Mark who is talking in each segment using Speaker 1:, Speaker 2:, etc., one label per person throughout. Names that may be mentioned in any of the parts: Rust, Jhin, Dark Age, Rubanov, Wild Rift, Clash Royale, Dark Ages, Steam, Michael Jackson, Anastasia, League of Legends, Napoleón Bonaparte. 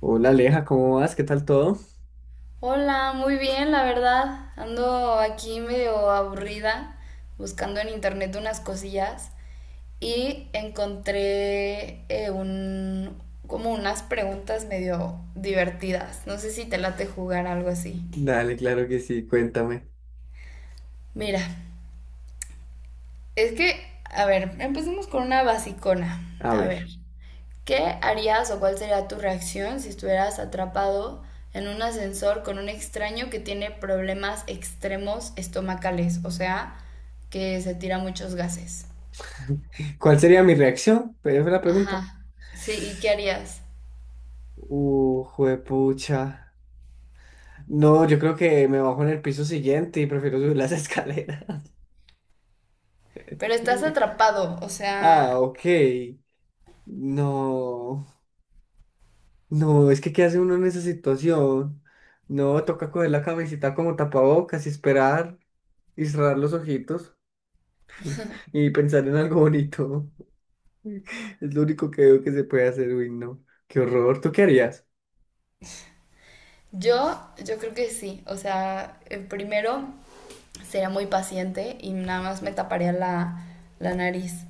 Speaker 1: Hola Aleja, ¿cómo vas? ¿Qué tal todo?
Speaker 2: Hola, muy bien, la verdad. Ando aquí medio aburrida, buscando en internet unas cosillas y encontré como unas preguntas medio divertidas. No sé si te late jugar algo así.
Speaker 1: Dale, claro que sí, cuéntame.
Speaker 2: Mira, es que, a ver, empecemos con una basicona.
Speaker 1: A
Speaker 2: A ver,
Speaker 1: ver,
Speaker 2: ¿qué harías o cuál sería tu reacción si estuvieras atrapado en un ascensor con un extraño que tiene problemas extremos estomacales? O sea, que se tira muchos gases.
Speaker 1: ¿cuál sería mi reacción? Pero fue la pregunta.
Speaker 2: Ajá. Sí, ¿y qué harías?
Speaker 1: Juepucha. No, yo creo que me bajo en el piso siguiente y prefiero subir las escaleras.
Speaker 2: Pero estás atrapado, o sea,
Speaker 1: Ah, ok. No, no, es que ¿qué hace uno en esa situación? No, toca coger la camisita como tapabocas y esperar y cerrar los ojitos y pensar en algo bonito. Es lo único que veo que se puede hacer, uy, no. Qué horror, ¿tú qué harías?
Speaker 2: yo, yo creo que sí. O sea, primero sería muy paciente y nada más me taparía la nariz.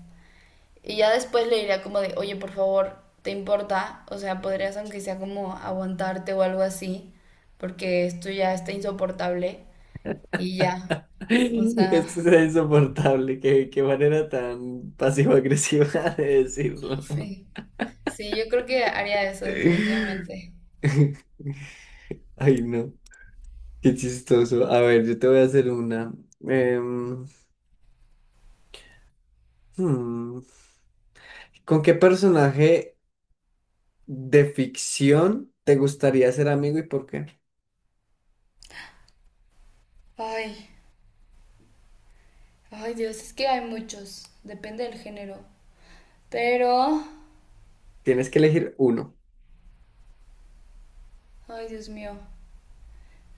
Speaker 2: Y ya después le diría como de, oye, por favor, ¿te importa? O sea, podrías aunque sea como aguantarte o algo así, porque esto ya está insoportable y ya. O sea,
Speaker 1: Esto es insoportable. Qué manera tan pasivo-agresiva de decirlo.
Speaker 2: sí. Sí, yo creo que haría eso definitivamente.
Speaker 1: Ay, no. Qué chistoso. A ver, yo te voy a hacer una. Em, hmm, ¿Con qué personaje de ficción te gustaría ser amigo y por qué?
Speaker 2: Ay, ay Dios, es que hay muchos, depende del género. Pero,
Speaker 1: Tienes que elegir uno.
Speaker 2: ay Dios mío,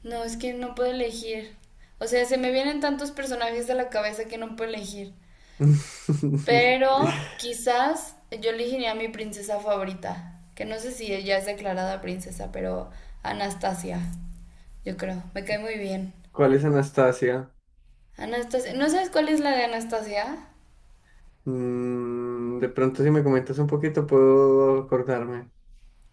Speaker 2: no, es que no puedo elegir. O sea, se me vienen tantos personajes a la cabeza que no puedo elegir. Pero quizás yo elegiría a mi princesa favorita, que no sé si ella es declarada princesa, pero Anastasia, yo creo, me cae muy bien.
Speaker 1: ¿Cuál es Anastasia?
Speaker 2: Anastasia, ¿no sabes cuál es la de Anastasia?
Speaker 1: Mm, de pronto, si me comentas un poquito, puedo acordarme.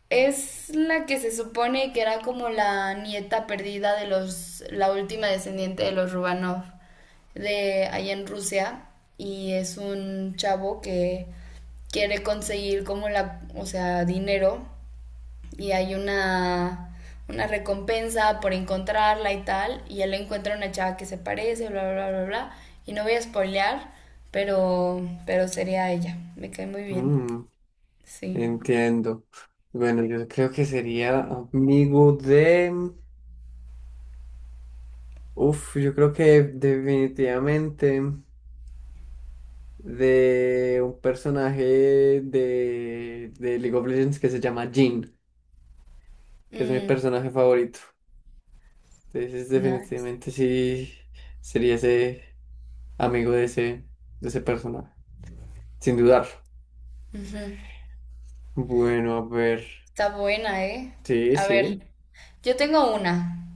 Speaker 2: Es la que se supone que era como la nieta perdida de los, la última descendiente de los Rubanov, de allá en Rusia, y es un chavo que quiere conseguir como la, o sea, dinero y hay una recompensa por encontrarla y tal, y él encuentra una chava que se parece, bla, bla, bla, bla, y no voy a spoilear, pero sería ella, me cae muy bien,
Speaker 1: Mm.
Speaker 2: sí.
Speaker 1: Entiendo. Bueno, yo creo que sería amigo de, uf, yo creo que definitivamente de un personaje de League of Legends que se llama Jhin, que es mi
Speaker 2: Mm,
Speaker 1: personaje favorito. Entonces,
Speaker 2: nice.
Speaker 1: definitivamente sí sería ese amigo de ese personaje, sin dudar.
Speaker 2: Ujú.
Speaker 1: Bueno, a ver.
Speaker 2: Está buena, ¿eh?
Speaker 1: Sí,
Speaker 2: A ver,
Speaker 1: sí.
Speaker 2: yo tengo una.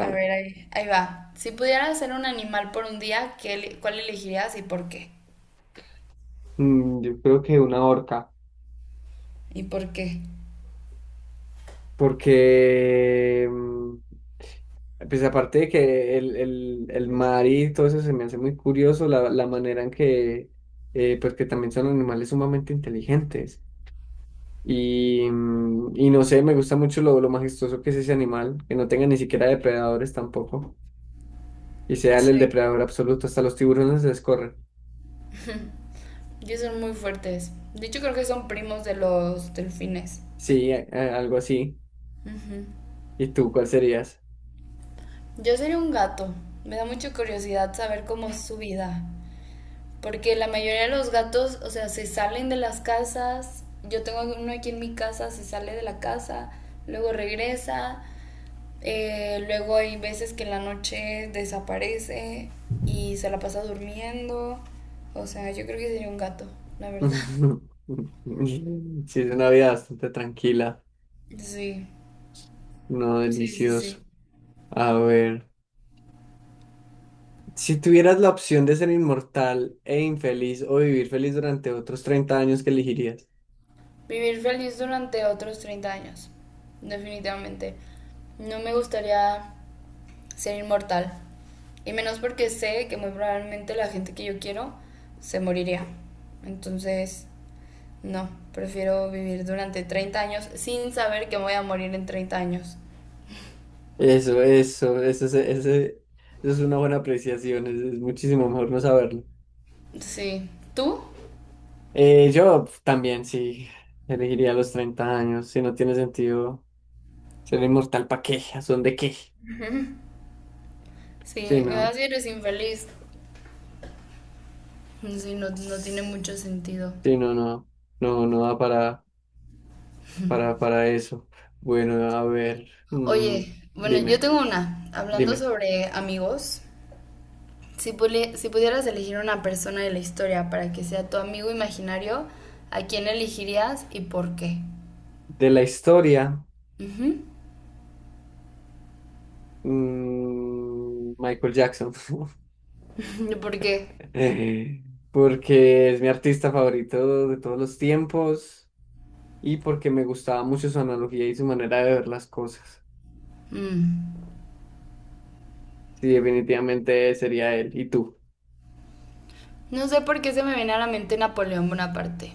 Speaker 2: A ver, ahí, ahí va. Si pudieras ser un animal por un día, ¿qué, cuál elegirías y por qué?
Speaker 1: Mm, yo creo que una orca,
Speaker 2: ¿Y por qué?
Speaker 1: porque, pues aparte de que el mar y todo eso se me hace muy curioso, la manera en que, pues que también son animales sumamente inteligentes. Y no sé, me gusta mucho lo majestuoso que es ese animal, que no tenga ni siquiera depredadores tampoco, y sea el
Speaker 2: Sí.
Speaker 1: depredador absoluto, hasta los tiburones se les corre.
Speaker 2: Y son muy fuertes. De hecho, creo que son primos de los delfines.
Speaker 1: Sí, algo así.
Speaker 2: Ujú.
Speaker 1: ¿Y tú cuál serías?
Speaker 2: Yo sería un gato. Me da mucha curiosidad saber cómo es su vida. Porque la mayoría de los gatos, o sea, se salen de las casas. Yo tengo uno aquí en mi casa, se sale de la casa, luego regresa. Luego hay veces que en la noche desaparece y se la pasa durmiendo. O sea, yo creo que sería un gato, la verdad.
Speaker 1: Sí, es una vida bastante tranquila,
Speaker 2: Sí,
Speaker 1: no
Speaker 2: sí, sí,
Speaker 1: delicioso.
Speaker 2: sí.
Speaker 1: A ver. Si tuvieras la opción de ser inmortal e infeliz o vivir feliz durante otros 30 años, ¿qué elegirías?
Speaker 2: Vivir feliz durante otros 30 años, definitivamente. No me gustaría ser inmortal. Y menos porque sé que muy probablemente la gente que yo quiero se moriría. Entonces, no, prefiero vivir durante 30 años sin saber que voy a morir en 30 años.
Speaker 1: Eso, eso es una buena apreciación, es muchísimo mejor no saberlo.
Speaker 2: Sí, ¿tú?
Speaker 1: Yo también sí elegiría los 30 años, si no tiene sentido ser inmortal, ¿para qué? ¿A son de qué?
Speaker 2: Sí,
Speaker 1: Sí, no,
Speaker 2: así eres infeliz. Sí, no, no tiene mucho sentido.
Speaker 1: sí, no, no, no, no da para eso. Bueno, a ver,
Speaker 2: Oye, bueno, yo
Speaker 1: dime,
Speaker 2: tengo una. Hablando
Speaker 1: dime,
Speaker 2: sobre amigos, si, si pudieras elegir una persona de la historia para que sea tu amigo imaginario, ¿a quién elegirías y por qué?
Speaker 1: de la historia.
Speaker 2: Ujú.
Speaker 1: Mm, Michael Jackson,
Speaker 2: ¿Por qué?
Speaker 1: porque es mi artista favorito de todos los tiempos y porque me gustaba mucho su analogía y su manera de ver las cosas.
Speaker 2: Mm.
Speaker 1: Sí, definitivamente sería él. ¿Y tú?
Speaker 2: No sé por qué se me viene a la mente Napoleón Bonaparte.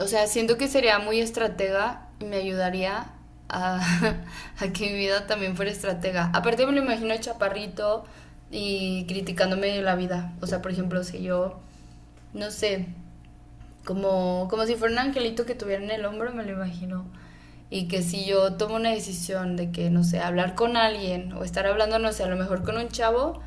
Speaker 2: O sea, siento que sería muy estratega y me ayudaría a, a que mi vida también fuera estratega. Aparte me lo imagino chaparrito y criticándome la vida. O sea, por ejemplo, si yo, no sé, como, como si fuera un angelito que tuviera en el hombro, me lo imagino. Y que si yo tomo una decisión de que, no sé, hablar con alguien o estar hablando, no sé, a lo mejor con un chavo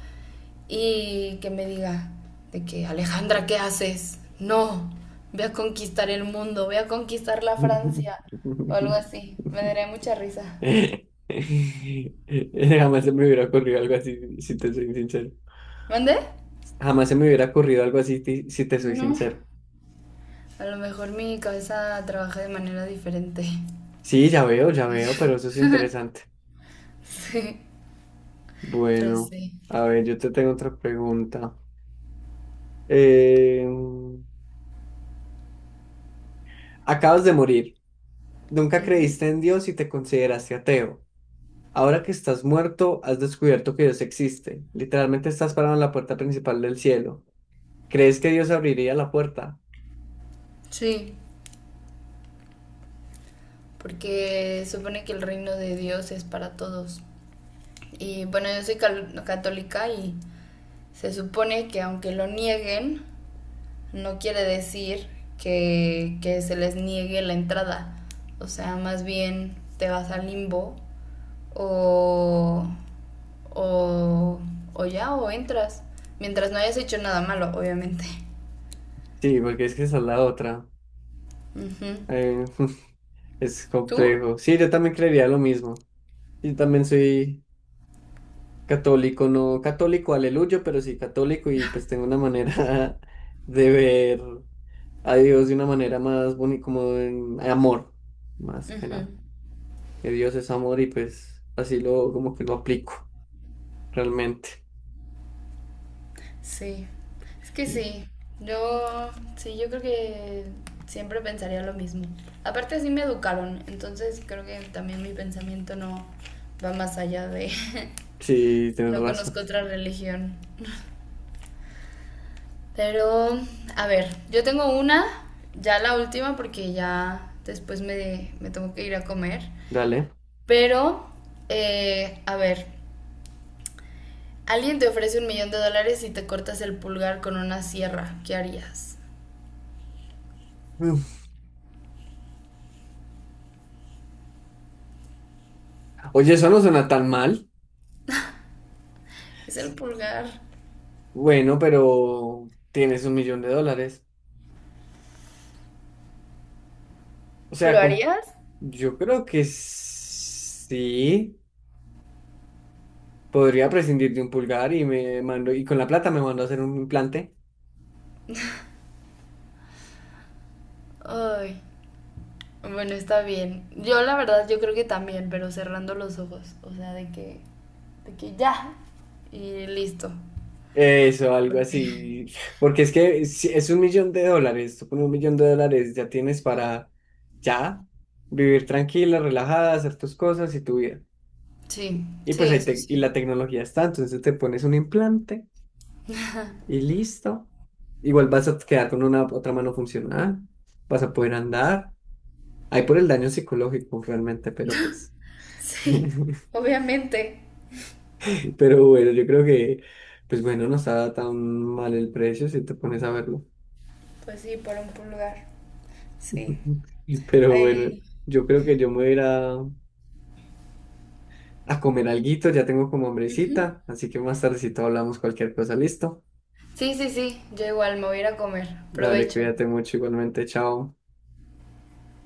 Speaker 2: y que me diga de que, Alejandra, ¿qué haces? No, voy a conquistar el mundo, voy a conquistar la Francia o algo así. Me daría mucha risa.
Speaker 1: Jamás se me hubiera ocurrido algo así, si te soy sincero.
Speaker 2: ¿Mande?
Speaker 1: Jamás se me hubiera ocurrido algo así, si te soy
Speaker 2: No.
Speaker 1: sincero.
Speaker 2: A lo mejor mi cabeza trabaja de manera diferente.
Speaker 1: Sí, ya veo, pero eso es interesante.
Speaker 2: Sí, pero
Speaker 1: Bueno,
Speaker 2: sí.
Speaker 1: a ver, yo te tengo otra pregunta. Eh, Acabas de morir. Nunca
Speaker 2: Ujú.
Speaker 1: creíste en Dios y te consideraste ateo. Ahora que estás muerto, has descubierto que Dios existe. Literalmente estás parado en la puerta principal del cielo. ¿Crees que Dios abriría la puerta?
Speaker 2: Sí, porque supone que el reino de Dios es para todos. Y bueno, yo soy católica y se supone que aunque lo nieguen, no quiere decir que se les niegue la entrada. O sea, más bien te vas al limbo o, o, o ya, o entras. Mientras no hayas hecho nada malo, obviamente.
Speaker 1: Sí, porque es que esa es la otra.
Speaker 2: Ujú.
Speaker 1: Eh, es
Speaker 2: ¿Tú?
Speaker 1: complejo. Sí, yo también creería lo mismo. Yo también soy católico, no católico, aleluya, pero sí católico y pues tengo una manera de ver a Dios de una manera más bonita, como en amor, más que
Speaker 2: Ujú.
Speaker 1: nada. Que Dios es amor y pues así lo como que lo aplico realmente.
Speaker 2: Sí, es que sí, yo sí, yo creo que siempre pensaría lo mismo. Aparte así me educaron, entonces creo que también mi pensamiento no va más allá de…
Speaker 1: Sí, tienes
Speaker 2: No
Speaker 1: razón.
Speaker 2: conozco otra religión. Pero, a ver, yo tengo una, ya la última porque ya después me tengo que ir a comer.
Speaker 1: Dale.
Speaker 2: Pero, a ver, alguien te ofrece $1.000.000 y te cortas el pulgar con una sierra, ¿qué harías?
Speaker 1: Mm. Oye, eso no suena tan mal.
Speaker 2: Es el
Speaker 1: Sí.
Speaker 2: pulgar.
Speaker 1: Bueno, pero tienes 1 millón de dólares. O
Speaker 2: ¿Lo
Speaker 1: sea,
Speaker 2: harías?
Speaker 1: yo creo que sí. Podría prescindir de un pulgar y me mando, y con la plata me mando a hacer un implante.
Speaker 2: Ay, bueno, está bien. Yo la verdad, yo creo que también, pero cerrando los ojos. O sea, de que ya. Y listo.
Speaker 1: Eso, algo así. Porque es que si es 1 millón de dólares, tú con 1 millón de dólares ya tienes para ya vivir tranquila, relajada, hacer tus cosas y tu vida.
Speaker 2: Sí,
Speaker 1: Y
Speaker 2: sí,
Speaker 1: pues ahí
Speaker 2: eso
Speaker 1: y
Speaker 2: sí.
Speaker 1: la tecnología está, entonces te pones un implante y listo. Igual vas a quedar con una otra mano funcional, vas a poder andar. Ahí por el daño psicológico realmente, pero pues.
Speaker 2: Sí, obviamente.
Speaker 1: Pero bueno, yo creo que, pues bueno, no está tan mal el precio si te pones a verlo.
Speaker 2: Pues sí, por un pulgar. Sí.
Speaker 1: Pero bueno,
Speaker 2: Ahí.
Speaker 1: yo creo que yo me voy a ir a comer alguito, ya tengo como hambrecita, así que más tardecito hablamos cualquier cosa, ¿listo?
Speaker 2: Sí, sí, sí. Yo igual me voy a ir a comer.
Speaker 1: Dale,
Speaker 2: Provecho.
Speaker 1: cuídate mucho igualmente, chao.